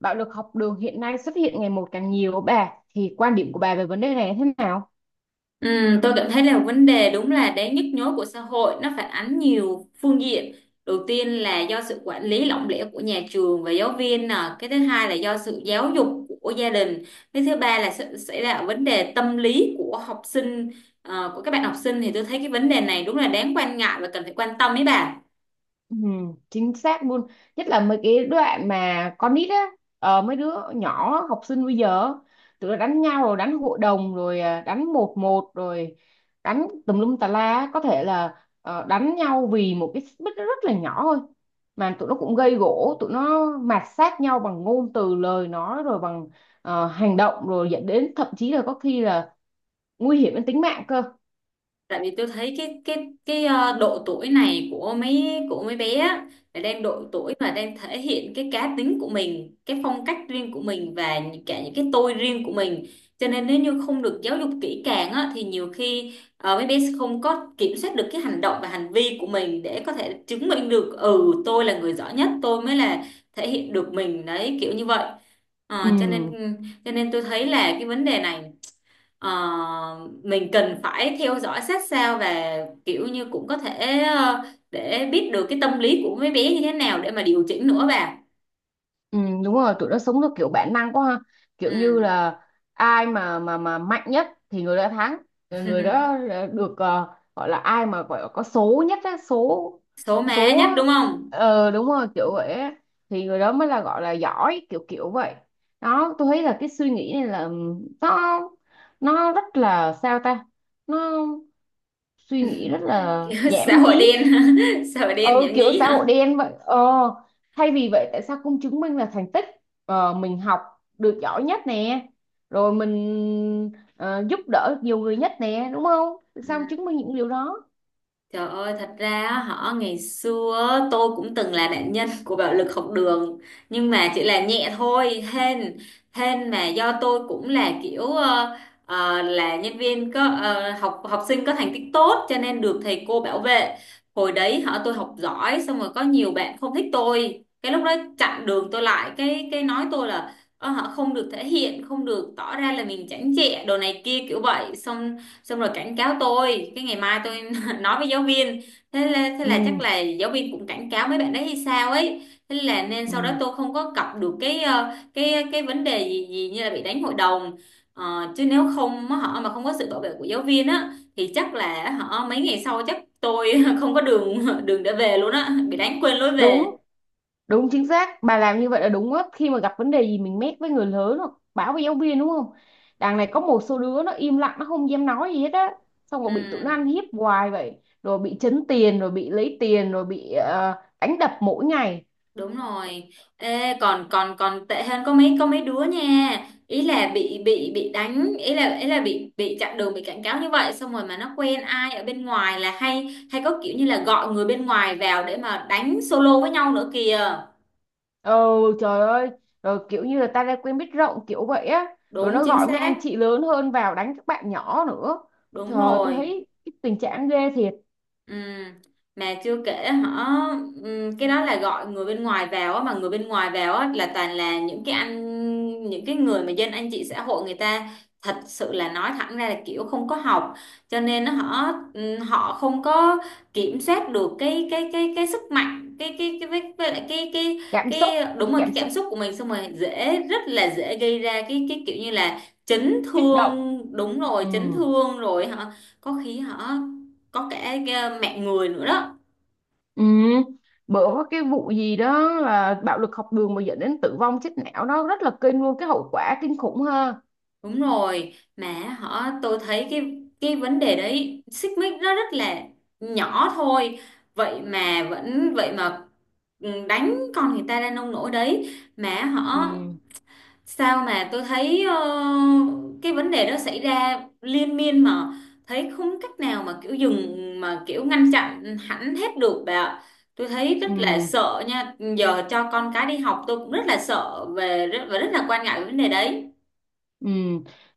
Bạo lực học đường hiện nay xuất hiện ngày một càng nhiều bà thì quan điểm của bà về vấn đề này thế nào? Ừ, tôi cảm thấy là vấn đề đúng là đáng nhức nhối của xã hội. Nó phản ánh nhiều phương diện. Đầu tiên là do sự quản lý lỏng lẻo của nhà trường và giáo viên nè, cái thứ hai là do sự giáo dục của gia đình, cái thứ ba là sự- sẽ là vấn đề tâm lý của học sinh, của các bạn học sinh. Thì tôi thấy cái vấn đề này đúng là đáng quan ngại và cần phải quan tâm ấy bà. Ừ, chính xác luôn. Nhất là mấy cái đoạn mà con nít á, mấy đứa nhỏ học sinh bây giờ tụi nó đánh nhau rồi đánh hội đồng rồi, à, đánh một một rồi, đánh tùm lum tà la á. Có thể là, đánh nhau vì một cái xích mích nó rất là nhỏ thôi, mà tụi nó cũng gây gổ, tụi nó mạt sát nhau bằng ngôn từ, lời nói rồi bằng hành động, rồi dẫn đến thậm chí là có khi là nguy hiểm đến tính mạng cơ. Tại vì tôi thấy độ tuổi này của mấy bé á, là đang độ tuổi mà đang thể hiện cái cá tính của mình, cái phong cách riêng của mình, và cả những cái tôi riêng của mình. Cho nên nếu như không được giáo dục kỹ càng á, thì nhiều khi mấy bé sẽ không có kiểm soát được cái hành động và hành vi của mình, để có thể chứng minh được ừ tôi là người giỏi nhất, tôi mới là thể hiện được mình đấy, kiểu như vậy. Ờ, cho nên Ừ. cho nên tôi thấy là cái vấn đề này, mình cần phải theo dõi sát sao, và kiểu như cũng có thể để biết được cái tâm lý của mấy bé như thế nào để mà điều chỉnh nữa bà. Ừ, đúng rồi, tụi nó sống theo kiểu bản năng quá ha, kiểu như Ừ. là ai mà mạnh nhất thì người đó thắng. Ờ, người đó được, gọi là ai mà gọi là có số nhất á, số Số má số nhất á. đúng không. Ờ, đúng rồi kiểu vậy á. Thì người đó mới là gọi là giỏi kiểu kiểu vậy. Đó, tôi thấy là cái suy nghĩ này là, nó rất là sao ta, nó suy nghĩ rất là Kiểu xã nhảm hội nhí. đen. Xã hội đen Ừ, nhảm kiểu nhí xã hội hả. đen vậy, thay vì vậy tại sao không chứng minh là thành tích, mình học được giỏi nhất nè, rồi mình giúp đỡ nhiều người nhất nè, đúng không? Tại Ừ. sao không chứng minh những điều đó? Trời ơi, thật ra á, họ ngày xưa á, tôi cũng từng là nạn nhân của bạo lực học đường, nhưng mà chỉ là nhẹ thôi. Hên hên mà do tôi cũng là kiểu là nhân viên có học học sinh có thành tích tốt cho nên được thầy cô bảo vệ. Hồi đấy họ tôi học giỏi xong rồi có nhiều bạn không thích tôi, cái lúc đó chặn đường tôi lại, cái nói tôi là họ không được thể hiện, không được tỏ ra là mình chảnh chẹ đồ này kia kiểu vậy. Xong xong rồi cảnh cáo tôi, cái ngày mai tôi nói với giáo viên. Thế là chắc Ừ, là giáo viên cũng cảnh cáo mấy bạn đấy hay sao ấy, thế là nên sau đó ừ, tôi không có cọc được cái cái vấn đề gì gì như là bị đánh hội đồng. Ờ, chứ nếu không á, họ mà không có sự bảo vệ của giáo viên á thì chắc là họ mấy ngày sau chắc tôi không có đường đường để về luôn á, bị đánh quên lối về. đúng, đúng chính xác. Bà làm như vậy là đúng á, khi mà gặp vấn đề gì mình mét với người lớn hoặc báo với giáo viên, đúng không? Đằng này có một số đứa nó im lặng, nó không dám nói gì hết á, xong rồi Ừ. bị tụi nó ăn hiếp hoài vậy, rồi bị trấn tiền, rồi bị lấy tiền, rồi bị đánh đập mỗi ngày. Đúng rồi. Ê, còn còn còn tệ hơn có mấy đứa nha. Ý là bị đánh, ý là bị chặn đường, bị cảnh cáo như vậy xong rồi mà nó quen ai ở bên ngoài là hay hay có kiểu như là gọi người bên ngoài vào để mà đánh solo với nhau nữa kìa. Ừ, trời ơi. Rồi kiểu như là ta đã quen biết rộng kiểu vậy á. Rồi Đúng nó chính gọi mấy xác. anh chị lớn hơn vào đánh các bạn nhỏ nữa. Đúng Trời, tôi rồi. thấy cái tình trạng ghê thiệt. Ừ. Mà chưa kể họ cái đó là gọi người bên ngoài vào á, mà người bên ngoài vào á, là toàn là những cái anh, những cái người mà dân anh chị xã hội, người ta thật sự là nói thẳng ra là kiểu không có học, cho nên họ họ không có kiểm soát được cái sức mạnh, với lại Cảm xúc. cái đúng Cái rồi, cái cảm xúc cảm xúc của mình, xong rồi dễ, rất là dễ gây ra cái kiểu như là chấn kích động. thương, đúng rồi, Ừ. chấn thương rồi. Họ có khi họ có cả mạng người nữa đó. Ừ. Bữa có cái vụ gì đó là bạo lực học đường mà dẫn đến tử vong, chết não. Nó rất là kinh luôn. Cái hậu quả kinh khủng ha. Đúng rồi mà họ, tôi thấy cái vấn đề đấy, xích mích nó rất là nhỏ thôi, vậy mà đánh con người ta ra nông nỗi đấy, mà họ Ừ. sao mà tôi thấy cái vấn đề đó xảy ra liên miên mà thấy không cách nào mà kiểu dừng mà kiểu ngăn chặn hẳn hết được bà ạ. Tôi thấy rất là Ừ. sợ nha, giờ cho con cái đi học tôi cũng rất là sợ về và rất là quan ngại về vấn đề đấy. Ừ.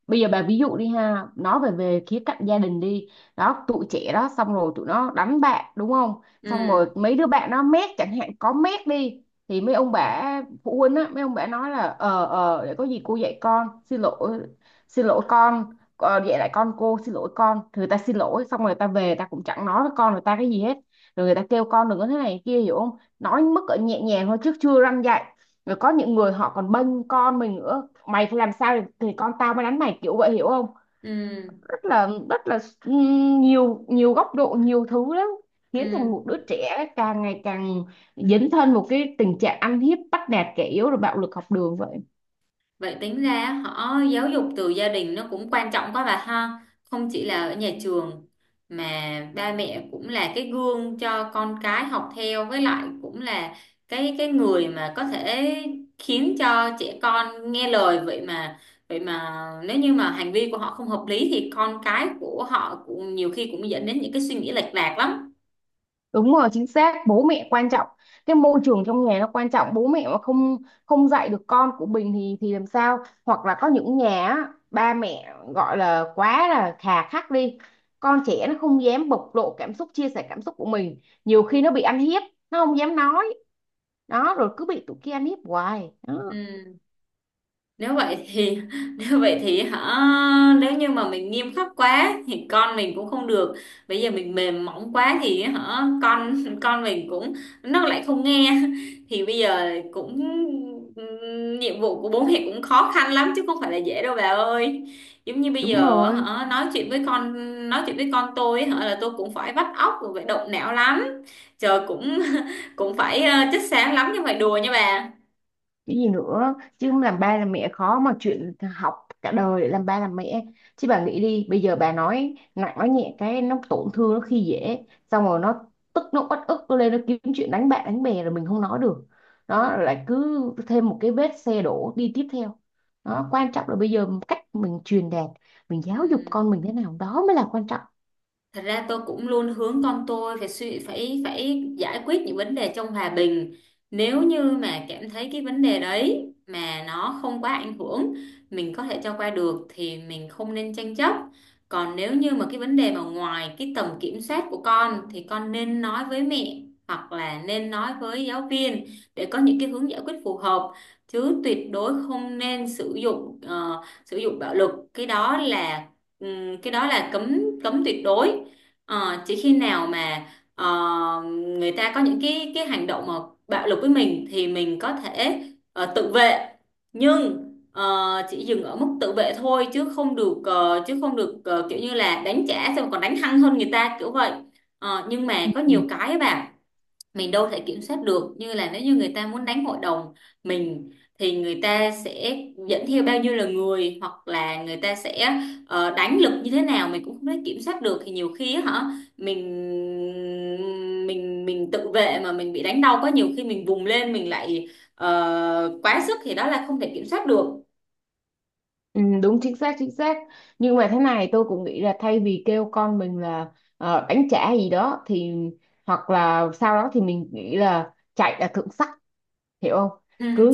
Bây giờ bà ví dụ đi ha, nói về về khía cạnh gia đình đi. Đó, tụi trẻ đó, xong rồi tụi nó đánh bạn đúng không? Xong rồi Ừ. mấy đứa bạn nó mét chẳng hạn, có mét đi, thì mấy ông bà phụ huynh á, mấy ông bà nói là, để có gì cô dạy con, xin lỗi, xin lỗi con, dạy lại con, cô xin lỗi con. Thì người ta xin lỗi xong rồi người ta về, ta cũng chẳng nói với con người ta cái gì hết. Rồi người ta kêu con đừng có thế này kia, hiểu không? Nói mức ở nhẹ nhàng thôi chứ chưa răn dạy. Rồi có những người họ còn bênh con mình nữa, mày phải làm sao thì, con tao mới đánh mày, kiểu vậy, hiểu không? Ừ. Rất là, rất là, nhiều nhiều góc độ, nhiều thứ lắm, khiến thành một Ừ. đứa trẻ càng ngày càng dấn thân một cái tình trạng ăn hiếp bắt nạt kẻ yếu, rồi bạo lực học đường vậy. Vậy tính ra họ giáo dục từ gia đình nó cũng quan trọng quá bà ha. Không chỉ là ở nhà trường mà ba mẹ cũng là cái gương cho con cái học theo, với lại cũng là cái người mà có thể khiến cho trẻ con nghe lời. Vậy mà nếu như mà hành vi của họ không hợp lý thì con cái của họ cũng nhiều khi cũng dẫn đến những cái suy nghĩ lệch lạc lắm. Đúng rồi, chính xác, bố mẹ quan trọng. Cái môi trường trong nhà nó quan trọng, bố mẹ mà không không dạy được con của mình thì làm sao? Hoặc là có những nhà á, ba mẹ gọi là quá là khà khắc đi. Con trẻ nó không dám bộc lộ cảm xúc, chia sẻ cảm xúc của mình. Nhiều khi nó bị ăn hiếp, nó không dám nói. Đó, rồi cứ bị tụi kia ăn hiếp hoài. Đó, Ừ. nếu vậy thì nếu vậy thì hả, nếu như mà mình nghiêm khắc quá thì con mình cũng không được, bây giờ mình mềm mỏng quá thì hả con mình cũng nó lại không nghe thì bây giờ cũng nhiệm vụ của bố mẹ cũng khó khăn lắm chứ không phải là dễ đâu bà ơi. Giống như bây đúng giờ rồi. hả nói chuyện với con Nói chuyện với con tôi hả là tôi cũng phải vắt óc rồi phải động não lắm. Trời cũng cũng phải chất xám lắm nhưng phải đùa nha bà. Cái gì nữa chứ, không làm ba làm mẹ khó mà, chuyện học cả đời để làm ba làm mẹ. Chứ bà nghĩ đi, bây giờ bà nói nặng nói nhẹ cái nó tổn thương, nó khi dễ, xong rồi nó tức, nó uất ức, nó lên, nó kiếm chuyện đánh bạn đánh bè rồi mình không nói được. Ừ. Đó, rồi lại cứ thêm một cái vết xe đổ đi tiếp theo. Đó, quan trọng là bây giờ cách mình truyền đạt, mình Ừ. giáo dục con mình thế nào đó mới là quan trọng. Thật ra tôi cũng luôn hướng con tôi phải suy phải phải giải quyết những vấn đề trong hòa bình. Nếu như mà cảm thấy cái vấn đề đấy mà nó không quá ảnh hưởng, mình có thể cho qua được thì mình không nên tranh chấp. Còn nếu như mà cái vấn đề mà ngoài cái tầm kiểm soát của con thì con nên nói với mẹ hoặc là nên nói với giáo viên để có những cái hướng giải quyết phù hợp, chứ tuyệt đối không nên sử dụng sử dụng bạo lực. Cái đó là cấm cấm tuyệt đối. Ờ, chỉ khi nào mà ờ, người ta có những cái hành động mà bạo lực với mình thì mình có thể tự vệ, nhưng chỉ dừng ở mức tự vệ thôi, chứ không được kiểu như là đánh trả xong còn đánh hăng hơn người ta kiểu vậy. Ờ, nhưng mà Ừ. có nhiều cái ấy bà, mình đâu thể kiểm soát được. Như là nếu như người ta muốn đánh hội đồng mình thì người ta sẽ dẫn theo bao nhiêu là người, hoặc là người ta sẽ đánh lực như thế nào mình cũng không thể kiểm soát được, thì nhiều khi á hả mình mình tự vệ mà mình bị đánh đau quá, nhiều khi mình vùng lên mình lại quá sức, thì đó là không thể kiểm soát được. Ừ, đúng, chính xác, chính xác. Nhưng mà thế này tôi cũng nghĩ là, thay vì kêu con mình là đánh trả gì đó thì, hoặc là sau đó thì mình nghĩ là chạy là thượng sách, hiểu không? Cứ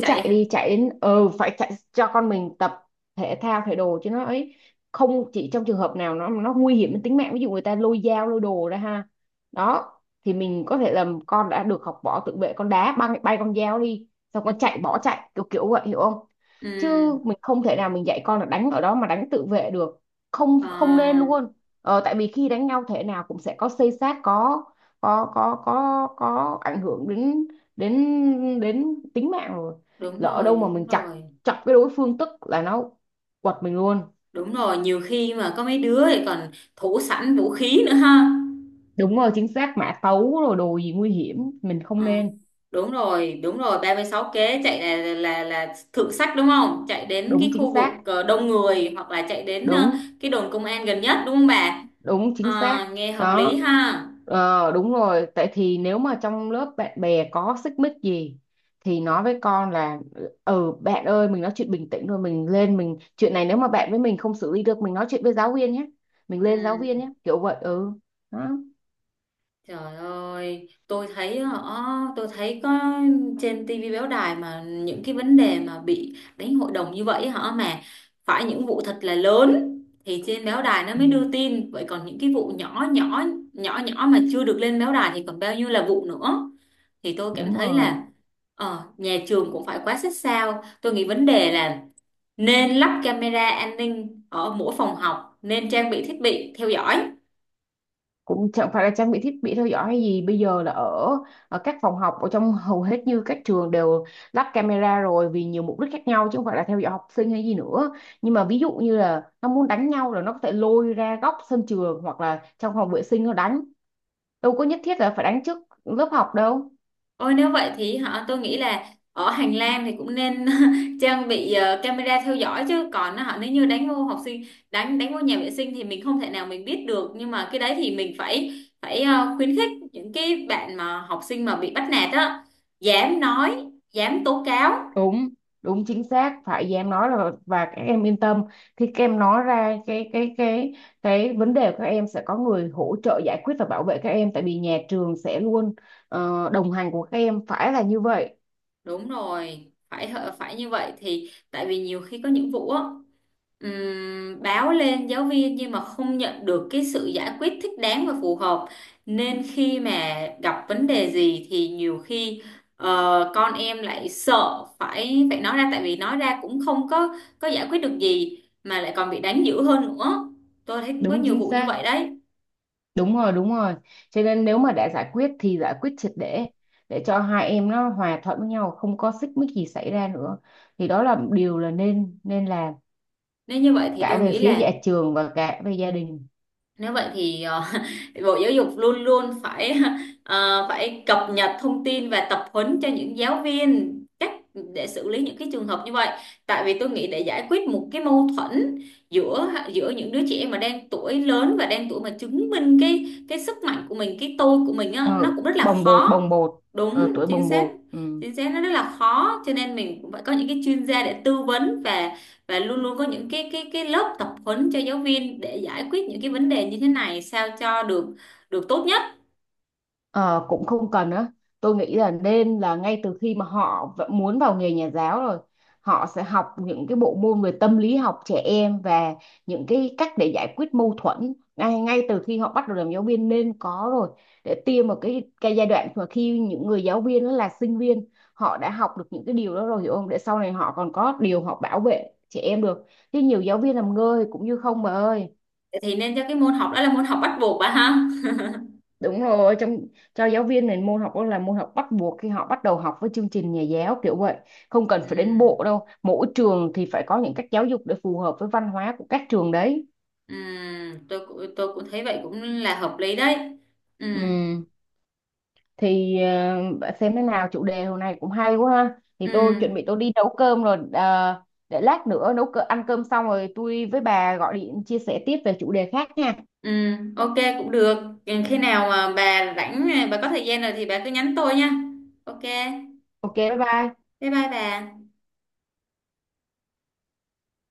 Chạy chạy hả? đi, chạy đến phải chạy, cho con mình tập thể thao thể đồ chứ nó ấy. Không chỉ trong trường hợp nào nó nguy hiểm đến tính mạng, ví dụ người ta lôi dao lôi đồ ra ha. Đó, thì mình có thể làm con đã được học võ tự vệ, con đá bay, bay con dao đi, xong con chạy, bỏ chạy, kiểu kiểu vậy, hiểu không? Ừ. Chứ mình không thể nào mình dạy con là đánh ở đó mà đánh tự vệ được. Ờ. Không, không nên luôn. Tại vì khi đánh nhau thế nào cũng sẽ có xây xát, có có ảnh hưởng đến, đến tính mạng rồi. Đúng Lỡ rồi. đâu mà Đúng mình chọc, rồi. Cái đối phương tức là nó quật mình luôn. Đúng rồi, nhiều khi mà có mấy đứa thì còn thủ sẵn vũ khí nữa ha. Đúng rồi chính xác, mã tấu rồi đồ gì nguy hiểm, mình Ờ, không nên. đúng rồi, đúng rồi, 36 kế chạy là thượng sách đúng không, chạy đến cái Đúng, chính khu vực xác, đông người, hoặc là chạy đến đúng, cái đồn công an gần nhất đúng không bà. đúng, chính Ờ, xác nghe hợp lý đó. ha. Ờ đúng rồi, tại thì nếu mà trong lớp bạn bè có xích mích gì thì nói với con là, ừ bạn ơi, mình nói chuyện bình tĩnh rồi mình lên mình chuyện này, nếu mà bạn với mình không xử lý được mình nói chuyện với giáo viên nhé. Mình Ừ. lên giáo viên nhé, kiểu vậy ừ. Đó. Trời ơi, tôi thấy có trên tivi báo đài mà những cái vấn đề mà bị đánh hội đồng như vậy, họ mà phải những vụ thật là lớn thì trên báo đài nó mới Ừ, đưa tin, vậy còn những cái vụ nhỏ nhỏ, nhỏ nhỏ mà chưa được lên báo đài thì còn bao nhiêu là vụ nữa. Thì tôi cảm đúng thấy rồi. là nhà trường cũng phải quá xích sao. Tôi nghĩ vấn đề là nên lắp camera an ninh ở mỗi phòng học, nên trang bị thiết bị theo dõi. Cũng chẳng phải là trang bị thiết bị theo dõi hay gì, bây giờ là ở các phòng học ở trong hầu hết như các trường đều lắp camera rồi, vì nhiều mục đích khác nhau chứ không phải là theo dõi học sinh hay gì nữa. Nhưng mà ví dụ như là nó muốn đánh nhau là nó có thể lôi ra góc sân trường hoặc là trong phòng vệ sinh nó đánh, đâu có nhất thiết là phải đánh trước lớp học đâu. Ôi nếu vậy thì họ, tôi nghĩ là ở hành lang thì cũng nên trang bị camera theo dõi, chứ còn họ nếu như đánh vô học sinh, đánh đánh vô nhà vệ sinh thì mình không thể nào mình biết được, nhưng mà cái đấy thì mình phải phải khuyến khích những cái bạn mà học sinh mà bị bắt nạt á dám nói, dám tố cáo. Đúng, đúng, chính xác. Phải với em nói là, và các em yên tâm, khi các em nói ra cái vấn đề của các em sẽ có người hỗ trợ giải quyết và bảo vệ các em, tại vì nhà trường sẽ luôn đồng hành của các em, phải là như vậy. Đúng rồi, phải phải như vậy. Thì tại vì nhiều khi có những vụ á, báo lên giáo viên nhưng mà không nhận được cái sự giải quyết thích đáng và phù hợp, nên khi mà gặp vấn đề gì thì nhiều khi con em lại sợ phải phải nói ra, tại vì nói ra cũng không có giải quyết được gì mà lại còn bị đánh dữ hơn nữa. Tôi thấy cũng có Đúng nhiều chính vụ như xác, vậy đấy, đúng rồi, đúng rồi. Cho nên nếu mà đã giải quyết thì giải quyết triệt để cho hai em nó hòa thuận với nhau, không có xích mích gì xảy ra nữa, thì đó là điều là nên nên làm, nên như vậy thì cả tôi về nghĩ phía nhà là, trường và cả về gia đình. nếu vậy thì Bộ Giáo dục luôn luôn phải phải cập nhật thông tin và tập huấn cho những giáo viên cách để xử lý những cái trường hợp như vậy. Tại vì tôi nghĩ để giải quyết một cái mâu thuẫn giữa giữa những đứa trẻ mà đang tuổi lớn và đang tuổi mà chứng minh cái sức mạnh của mình, cái tôi của mình á, nó ờ, cũng rất là Bồng bột, khó. bồng bột. Đúng, Tuổi bồng chính xác. bột, ừ. Chính xác, nó rất là khó, cho nên mình cũng phải có những cái chuyên gia để tư vấn, và luôn luôn có những cái lớp tập huấn cho giáo viên để giải quyết những cái vấn đề như thế này sao cho được, được tốt nhất. Ờ, Cũng không cần á, tôi nghĩ là nên là ngay từ khi mà họ muốn vào nghề nhà giáo rồi, họ sẽ học những cái bộ môn về tâm lý học trẻ em và những cái cách để giải quyết mâu thuẫn, ngay ngay từ khi họ bắt đầu làm giáo viên nên có rồi, để tiêm vào cái giai đoạn mà khi những người giáo viên đó là sinh viên họ đã học được những cái điều đó rồi, hiểu không? Để sau này họ còn có điều họ bảo vệ trẻ em được, chứ nhiều giáo viên làm ngơ thì cũng như không bà ơi. Thì nên cho cái môn học đó là môn học bắt buộc bà ha. Đúng rồi, trong cho giáo viên này môn học đó là môn học bắt buộc khi họ bắt đầu học với chương trình nhà giáo kiểu vậy, không cần phải đến ừ, bộ đâu, mỗi trường thì phải có những cách giáo dục để phù hợp với văn hóa của các trường đấy. ừ, tôi cũng thấy vậy cũng là hợp lý đấy. Ừ. Ừ. Thì, bạn xem thế nào, chủ đề hôm nay cũng hay quá ha, thì Ừ. tôi chuẩn bị tôi đi nấu cơm rồi, để lát nữa nấu cơm, ăn cơm xong rồi tôi với bà gọi điện chia sẻ tiếp về chủ đề khác nha. Ừ. Ok cũng được. Ừ, khi nào mà bà rảnh bà có thời gian rồi thì bà cứ nhắn tôi nha. Ok, OK, bye bye. bye bye bà.